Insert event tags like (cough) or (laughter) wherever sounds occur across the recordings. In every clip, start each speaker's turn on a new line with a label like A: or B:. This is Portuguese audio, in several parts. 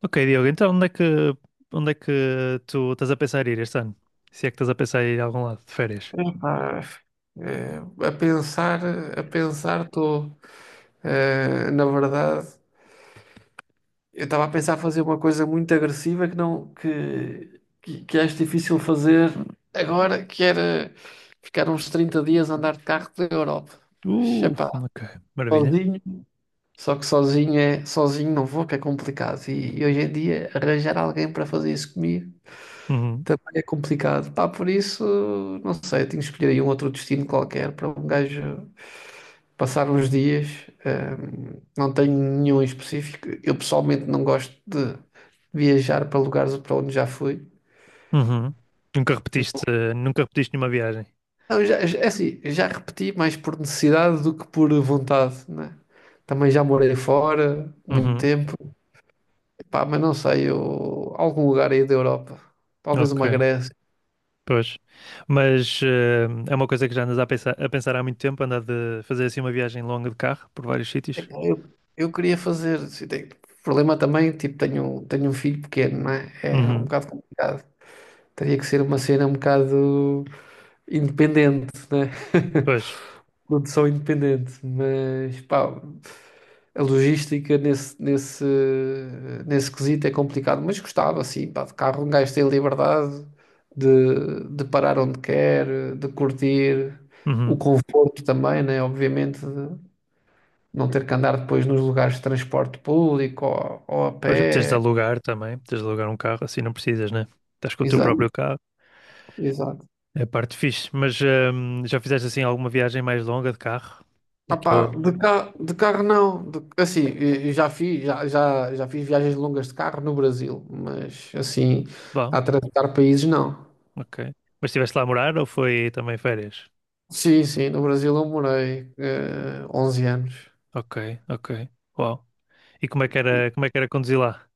A: Ok, Diogo, então onde é que tu estás a pensar ir este ano? Se é que estás a pensar ir a algum lado de férias?
B: Epá, eh, a pensar, a pensar estou, na verdade, eu estava a pensar fazer uma coisa muito agressiva que não que, que acho difícil fazer agora, que era ficar uns 30 dias a andar de carro pela Europa. Mas,
A: Uh,
B: epá,
A: ok, maravilha.
B: sozinho. Só que sozinho é, sozinho não vou, que é complicado. E hoje em dia arranjar alguém para fazer isso comigo
A: Uhum,
B: também é complicado. Pá, por isso, não sei, tenho que escolher aí um outro destino qualquer para um gajo passar uns dias. Não tenho nenhum em específico. Eu pessoalmente não gosto de viajar para lugares para onde já fui.
A: uhum. Nunca repetiste, nunca repetiste nenhuma viagem.
B: Não, é assim, já repeti mais por necessidade do que por vontade, né? Também já morei fora muito
A: Uhum,
B: tempo. Pá, mas não sei, eu, algum lugar aí da Europa, talvez uma
A: ok,
B: Grécia.
A: pois. Mas é uma coisa que já andas a pensar há muito tempo, andar de fazer assim uma viagem longa de carro por vários sítios.
B: Epá, eu queria fazer. O problema também, tipo, tenho um filho pequeno, não é? É um
A: Uhum,
B: bocado complicado. Teria que ser uma cena um bocado independente, né?
A: pois.
B: (laughs) Produção independente, mas pá, a logística nesse quesito é complicado, mas gostava assim, pá, de carro um gajo tem liberdade de parar onde quer, de curtir, o
A: Uhum.
B: conforto também, né? Obviamente, de não ter que andar depois nos lugares de transporte público ou a
A: Pois tens de
B: pé,
A: alugar também, tens de alugar um carro, assim não precisas, né? Estás com o teu
B: exato,
A: próprio carro.
B: exato.
A: É a parte fixe, mas já fizeste assim alguma viagem mais longa de carro? É que eu.
B: Opá, de carro não. Assim, eu já fiz, já fiz viagens longas de carro no Brasil, mas assim,
A: Bom,
B: a atravessar países não.
A: ok. Mas estiveste lá a morar ou foi também férias?
B: Sim, sim, no Brasil eu morei 11 anos.
A: Ok, ok. Uau. E como é que era conduzir lá?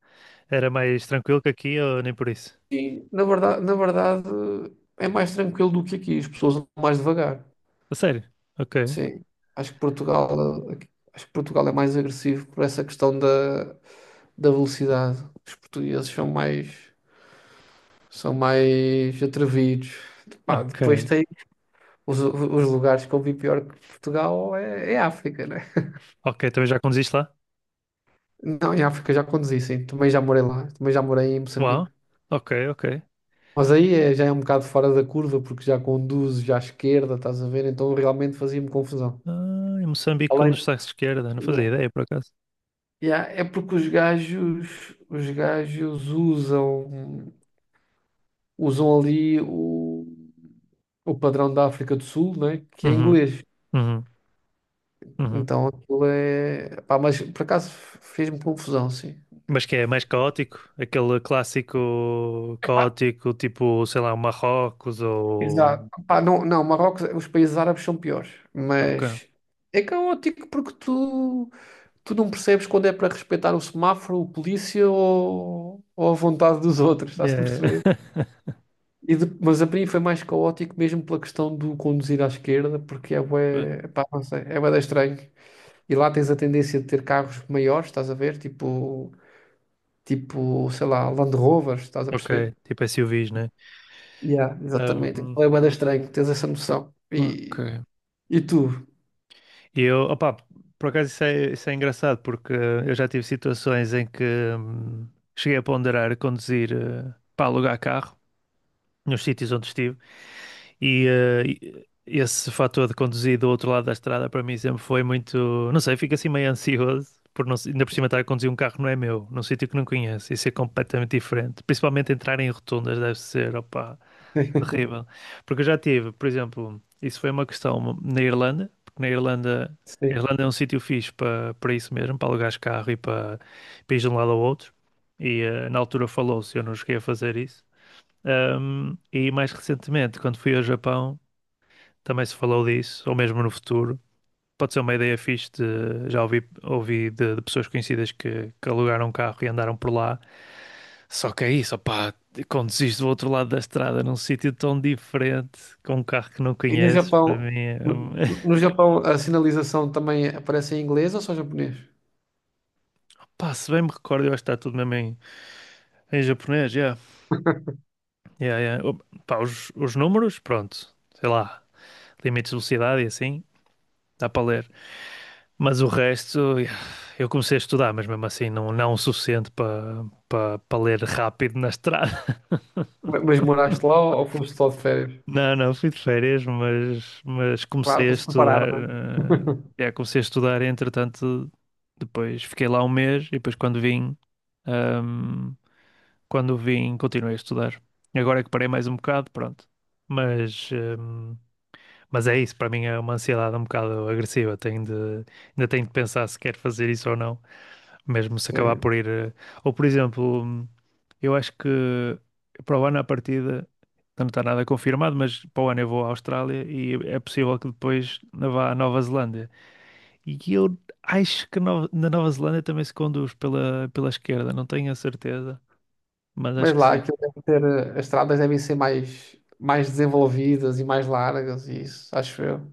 A: Era mais tranquilo que aqui ou nem por isso?
B: E na verdade é mais tranquilo do que aqui, as pessoas andam mais devagar.
A: A sério? Ok,
B: Sim, acho que Portugal, eh, acho que Portugal é mais agressivo por essa questão da velocidade. Os portugueses são mais atrevidos. Pá, depois
A: ok.
B: tem os os, lugares que eu vi pior que Portugal é África, né?
A: Ok, também já conduziste lá?
B: Não, em África já conduzi, sim. Também já morei lá. Também já morei em
A: Uau.
B: Moçambique.
A: Ok, ok.
B: Mas já é um bocado fora da curva, porque já conduzo já à esquerda, estás a ver? Então realmente fazia-me confusão.
A: Ah, em Moçambique
B: Além.
A: conduz-se à esquerda, não fazia ideia por acaso.
B: Yeah, é porque os gajos usam ali o padrão da África do Sul, né? Que é
A: Uhum,
B: inglês.
A: uhum, uhum.
B: Então aquilo é. Pá, mas por acaso fez-me confusão, sim.
A: Mas que é mais caótico? Aquele clássico caótico, tipo, sei lá, Marrocos ou.
B: Exato. Pá, não, não, Marrocos, os países árabes são piores,
A: Ok.
B: mas é caótico porque tu não percebes quando é para respeitar o semáforo, o polícia ou a vontade dos outros, estás a
A: É.
B: perceber?
A: (laughs)
B: Mas a mim foi mais caótico mesmo pela questão do conduzir à esquerda, porque é
A: Pois.
B: bué, pá, não sei, é bué da estranho. E lá tens a tendência de ter carros maiores, estás a ver? Tipo, sei lá, Land Rovers, estás a
A: Ok,
B: perceber?
A: tipo SUVs, né?
B: Yeah, exatamente.
A: Um,
B: É bué da estranho, tens essa noção.
A: Ok.
B: E tu?
A: E eu, opá, por acaso isso é engraçado, porque eu já tive situações em que hum, cheguei a ponderar conduzir para alugar carro nos sítios onde estive. E esse fator de conduzir do outro lado da estrada para mim sempre foi muito, não sei, fico assim meio ansioso por não, ainda por cima estar a conduzir um carro não é meu, num sítio que não conheço, isso é completamente diferente. Principalmente entrar em rotundas deve ser, opá,
B: Sim.
A: terrível. Porque eu já tive, por exemplo, isso foi uma questão na Irlanda, porque na Irlanda, a Irlanda é um sítio fixe para isso mesmo, para alugares carro e para, para ir de um lado ao outro. E na altura falou-se, eu não cheguei a fazer isso. E mais recentemente, quando fui ao Japão, também se falou disso, ou mesmo no futuro. Pode ser uma ideia fixe de, já ouvi, de pessoas conhecidas que alugaram um carro e andaram por lá. Só que é isso, opá, conduziste do outro lado da estrada num sítio tão diferente, com um carro que não
B: E no
A: conheces, para
B: Japão,
A: mim
B: no
A: é...
B: no
A: (laughs)
B: Japão a sinalização também aparece em inglês ou só japonês?
A: Pá, se bem me recordo, eu acho que está tudo mesmo em, em japonês, yeah. Yeah, yeah. Oh, pá, os números, pronto, sei lá, limites de velocidade e assim, dá para ler. Mas o resto, eu comecei a estudar, mas mesmo assim não, não o suficiente para ler rápido na estrada. (laughs)
B: Mas moraste lá ou foste só de férias?
A: Não, não, fui de férias, mas
B: Claro,
A: comecei a
B: para se
A: estudar.
B: comparar, não é?
A: Comecei a estudar, e, entretanto, depois fiquei lá um mês e depois ahm, quando vim, continuei a estudar. E agora é que parei mais um bocado, pronto. Mas, ahm, mas é isso, para mim é uma ansiedade um bocado agressiva. Tenho de, ainda tenho de pensar se quero fazer isso ou não, mesmo se acabar
B: Sim.
A: por ir. Ou, por exemplo, eu acho que para o ano, à partida, não está nada confirmado, mas para o ano eu vou à Austrália e é possível que depois vá à Nova Zelândia. E eu acho que na Nova Zelândia também se conduz pela, pela esquerda, não tenho a certeza, mas acho
B: Mas
A: que
B: lá
A: sim.
B: aquilo deve ter, as estradas devem ser mais desenvolvidas e mais largas, e isso, acho eu.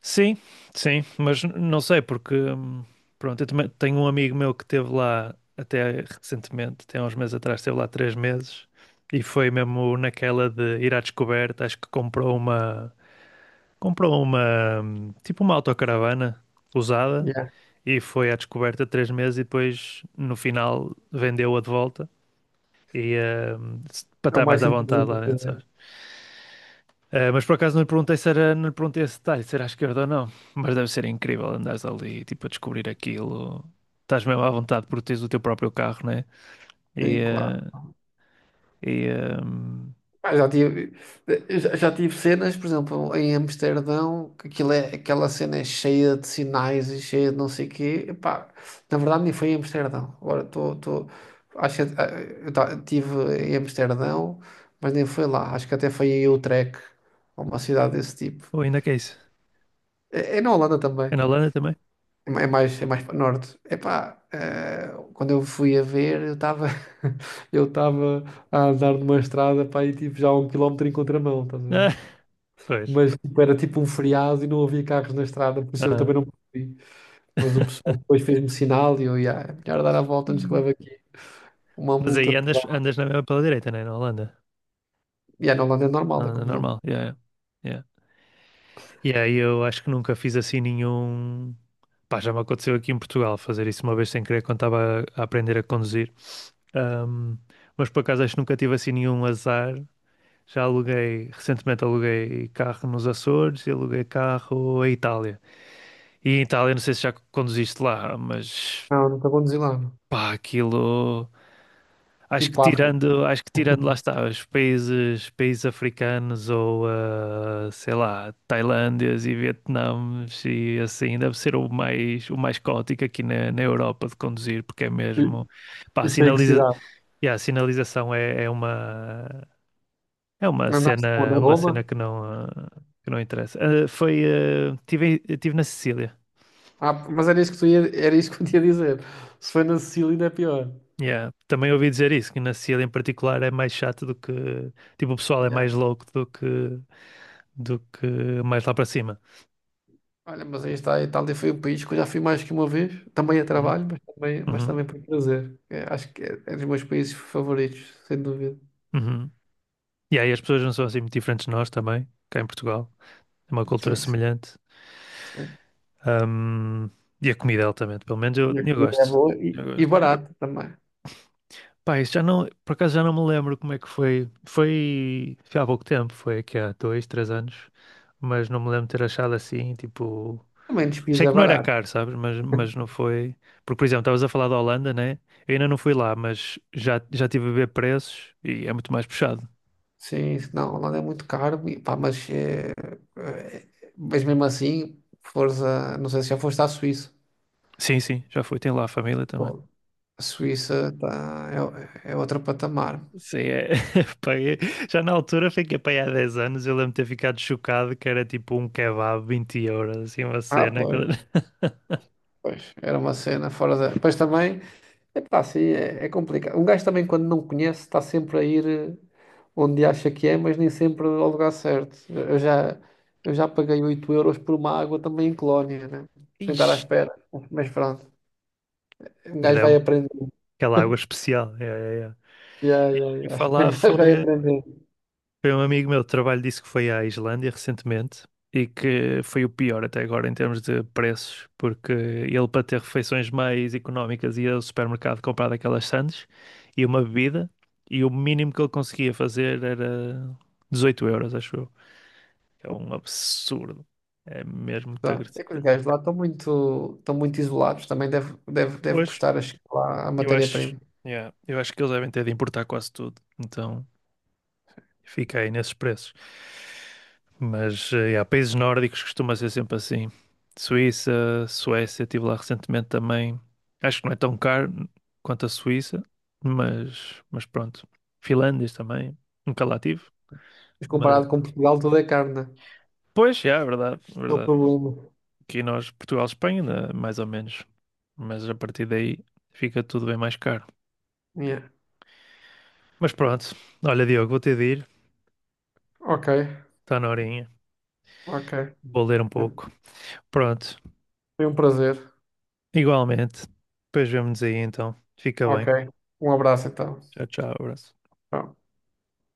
A: Sim, sim, mas não sei porque, pronto, eu também tenho um amigo meu que esteve lá até recentemente, até há uns meses atrás, esteve lá três meses e foi mesmo naquela de ir à descoberta, acho que comprou uma, comprou uma tipo uma autocaravana usada
B: Yeah.
A: e foi à descoberta três meses e depois no final vendeu-a de volta e para
B: É o
A: estar mais
B: mais
A: à vontade
B: inteligente a
A: lá dentro,
B: fazer.
A: mas por acaso não lhe perguntei se era, não lhe perguntei esse detalhe, se era à esquerda ou não. Mas deve ser incrível andares ali, tipo, a descobrir aquilo. Estás mesmo à vontade porque tens o teu próprio carro, né? E,
B: Sim,
A: eh,
B: claro.
A: e eh,
B: Pá, já tive cenas, por exemplo, em Amsterdão, que aquilo é, aquela cena é cheia de sinais e cheia de não sei o quê. Epá, na verdade, nem foi em Amsterdão. Acho que tive em Amsterdão, mas nem foi lá. Acho que até foi em Utrecht, ou uma cidade desse tipo.
A: ou ainda que é isso?
B: É na Holanda também.
A: É na Holanda também?
B: É é mais para norte. Epá, quando eu fui a ver, eu estava (laughs) eu estava a andar numa estrada, para e tipo já a um quilómetro em contramão, estás a ver?
A: Ah, (laughs) pois.
B: Mas tipo, era tipo um feriado e não havia carros na estrada, por isso eu
A: Ah.
B: também não percebi. Mas o pessoal depois fez-me sinal e eu, yeah, é melhor dar a volta antes que leve
A: Hum.
B: aqui uma
A: Mas aí
B: multa
A: andas,
B: pedal.
A: andas na mesma pela direita, né? Na Holanda.
B: E yeah, na Holanda é
A: Na
B: normal, é
A: Holanda
B: como não.
A: normal. Yeah, yeah. Yeah. E aí eu acho que nunca fiz assim nenhum. Pá, já me aconteceu aqui em Portugal fazer isso uma vez sem querer quando estava a aprender a conduzir. Ahm, mas por acaso acho que nunca tive assim nenhum azar. Já aluguei, recentemente aluguei carro nos Açores e aluguei carro à Itália. E em Itália, não sei se já conduziste lá, mas
B: Não, nunca conduzi lá, não.
A: pá, aquilo.
B: Tipo afro.
A: Acho que tirando lá
B: (laughs)
A: está, os países, países africanos ou ah, sei lá, Tailândias e Vietnãs e assim, deve ser o mais caótico aqui na, na Europa de conduzir, porque é
B: E,
A: mesmo, pá,
B: e foi em que
A: sinaliza,
B: cidade?
A: yeah, a sinalização é, é uma.
B: Andaste onde?
A: É
B: A
A: uma cena
B: Roma?
A: que não, ah, que não interessa. Ah, foi, ah, tive na Sicília.
B: Era isso que eu te ia dizer. Se foi na Sicília ainda é pior.
A: Yeah. Também ouvi dizer isso, que na Sicília em particular é mais chato do que, tipo, o pessoal é mais
B: Yeah.
A: louco do que mais lá para cima.
B: Olha, mas aí está, a Itália foi um país que eu já fui mais que uma vez, também a
A: Uhum,
B: trabalho, mas
A: uhum,
B: também por prazer. É, acho que é dos meus países favoritos, sem dúvida.
A: uhum. E aí as pessoas não são assim muito diferentes de nós também, cá em Portugal. É uma cultura
B: Sim, sim,
A: semelhante.
B: sim.
A: Ahm, e a comida altamente, pelo menos
B: E a
A: eu
B: comida é
A: gosto.
B: boa
A: Eu
B: e
A: gosto.
B: barata também.
A: Pá, isso já não, por acaso já não me lembro como é que foi. Foi, foi há pouco tempo, foi aqui há dois, três anos, mas não me lembro de ter achado assim, tipo.
B: Também
A: Achei
B: despesa é
A: que não era
B: barato.
A: caro, sabes? Mas não foi. Porque, por exemplo, estavas a falar da Holanda, né? Eu ainda não fui lá, mas já, já estive a ver preços e é muito mais puxado.
B: Sim, não, a Holanda é muito caro, e pá, eh, mas mesmo assim, força, não sei se já foste à Suíça.
A: Sim, sim, já fui. Tem lá a família também.
B: Pô, a Suíça é, é outro patamar.
A: Sim, é. (laughs) Pá, eu- Já na altura fiquei para aí há 10 anos. Eu lembro de ter ficado chocado que era tipo um kebab 20€, assim, uma
B: Ah,
A: cena.
B: pois,
A: Aquela- (laughs)
B: pois, era uma cena fora da. Pois também. Epá, sim, é, é complicado. Um gajo também, quando não conhece, está sempre a ir onde acha que é, mas nem sempre ao lugar certo. Eu já paguei 8 euros por uma água também em Colónia, né? Sem estar à
A: Ixi.
B: espera. Mas pronto, um gajo
A: Era.
B: vai aprendendo.
A: Aquela água especial. É, é, é.
B: Yeah,
A: E eu
B: yeah,
A: ouvi
B: yeah. (laughs) Um
A: falar
B: gajo vai
A: foi,
B: aprendendo.
A: foi um amigo meu de trabalho disse que foi à Islândia recentemente e que foi o pior até agora em termos de preços, porque ele para ter refeições mais económicas ia ao supermercado comprar daquelas sandes e uma bebida e o mínimo que ele conseguia fazer era 18€, acho eu. É um absurdo. É mesmo muito
B: Tá. É
A: agressivo.
B: que os gajos lá estão muito isolados. Também deve
A: Pois,
B: custar a chegar lá a
A: eu acho,
B: matéria-prima.
A: yeah, eu acho que eles devem ter de importar quase tudo. Então. Fiquei nesses preços. Mas há países nórdicos costuma ser sempre assim. Suíça, Suécia, estive lá recentemente também. Acho que não é tão caro quanto a Suíça, mas pronto. Finlândias também, nunca lá tive.
B: Mas
A: Mas,
B: comparado com Portugal, tudo é carne. Né?
A: pois, já, é verdade, é
B: É o
A: verdade.
B: problema.
A: Aqui nós, Portugal, Espanha, ainda mais ou menos. Mas a partir daí fica tudo bem mais caro.
B: Yeah.
A: Mas pronto, olha, Diogo, vou ter de ir.
B: Ok,
A: Está na horinha.
B: ok.
A: Vou ler um pouco. Pronto,
B: Foi um prazer.
A: igualmente. Depois vemo-nos aí então. Fica
B: Ok.
A: bem.
B: Um abraço então.
A: Tchau, tchau, abraço.
B: Tchau.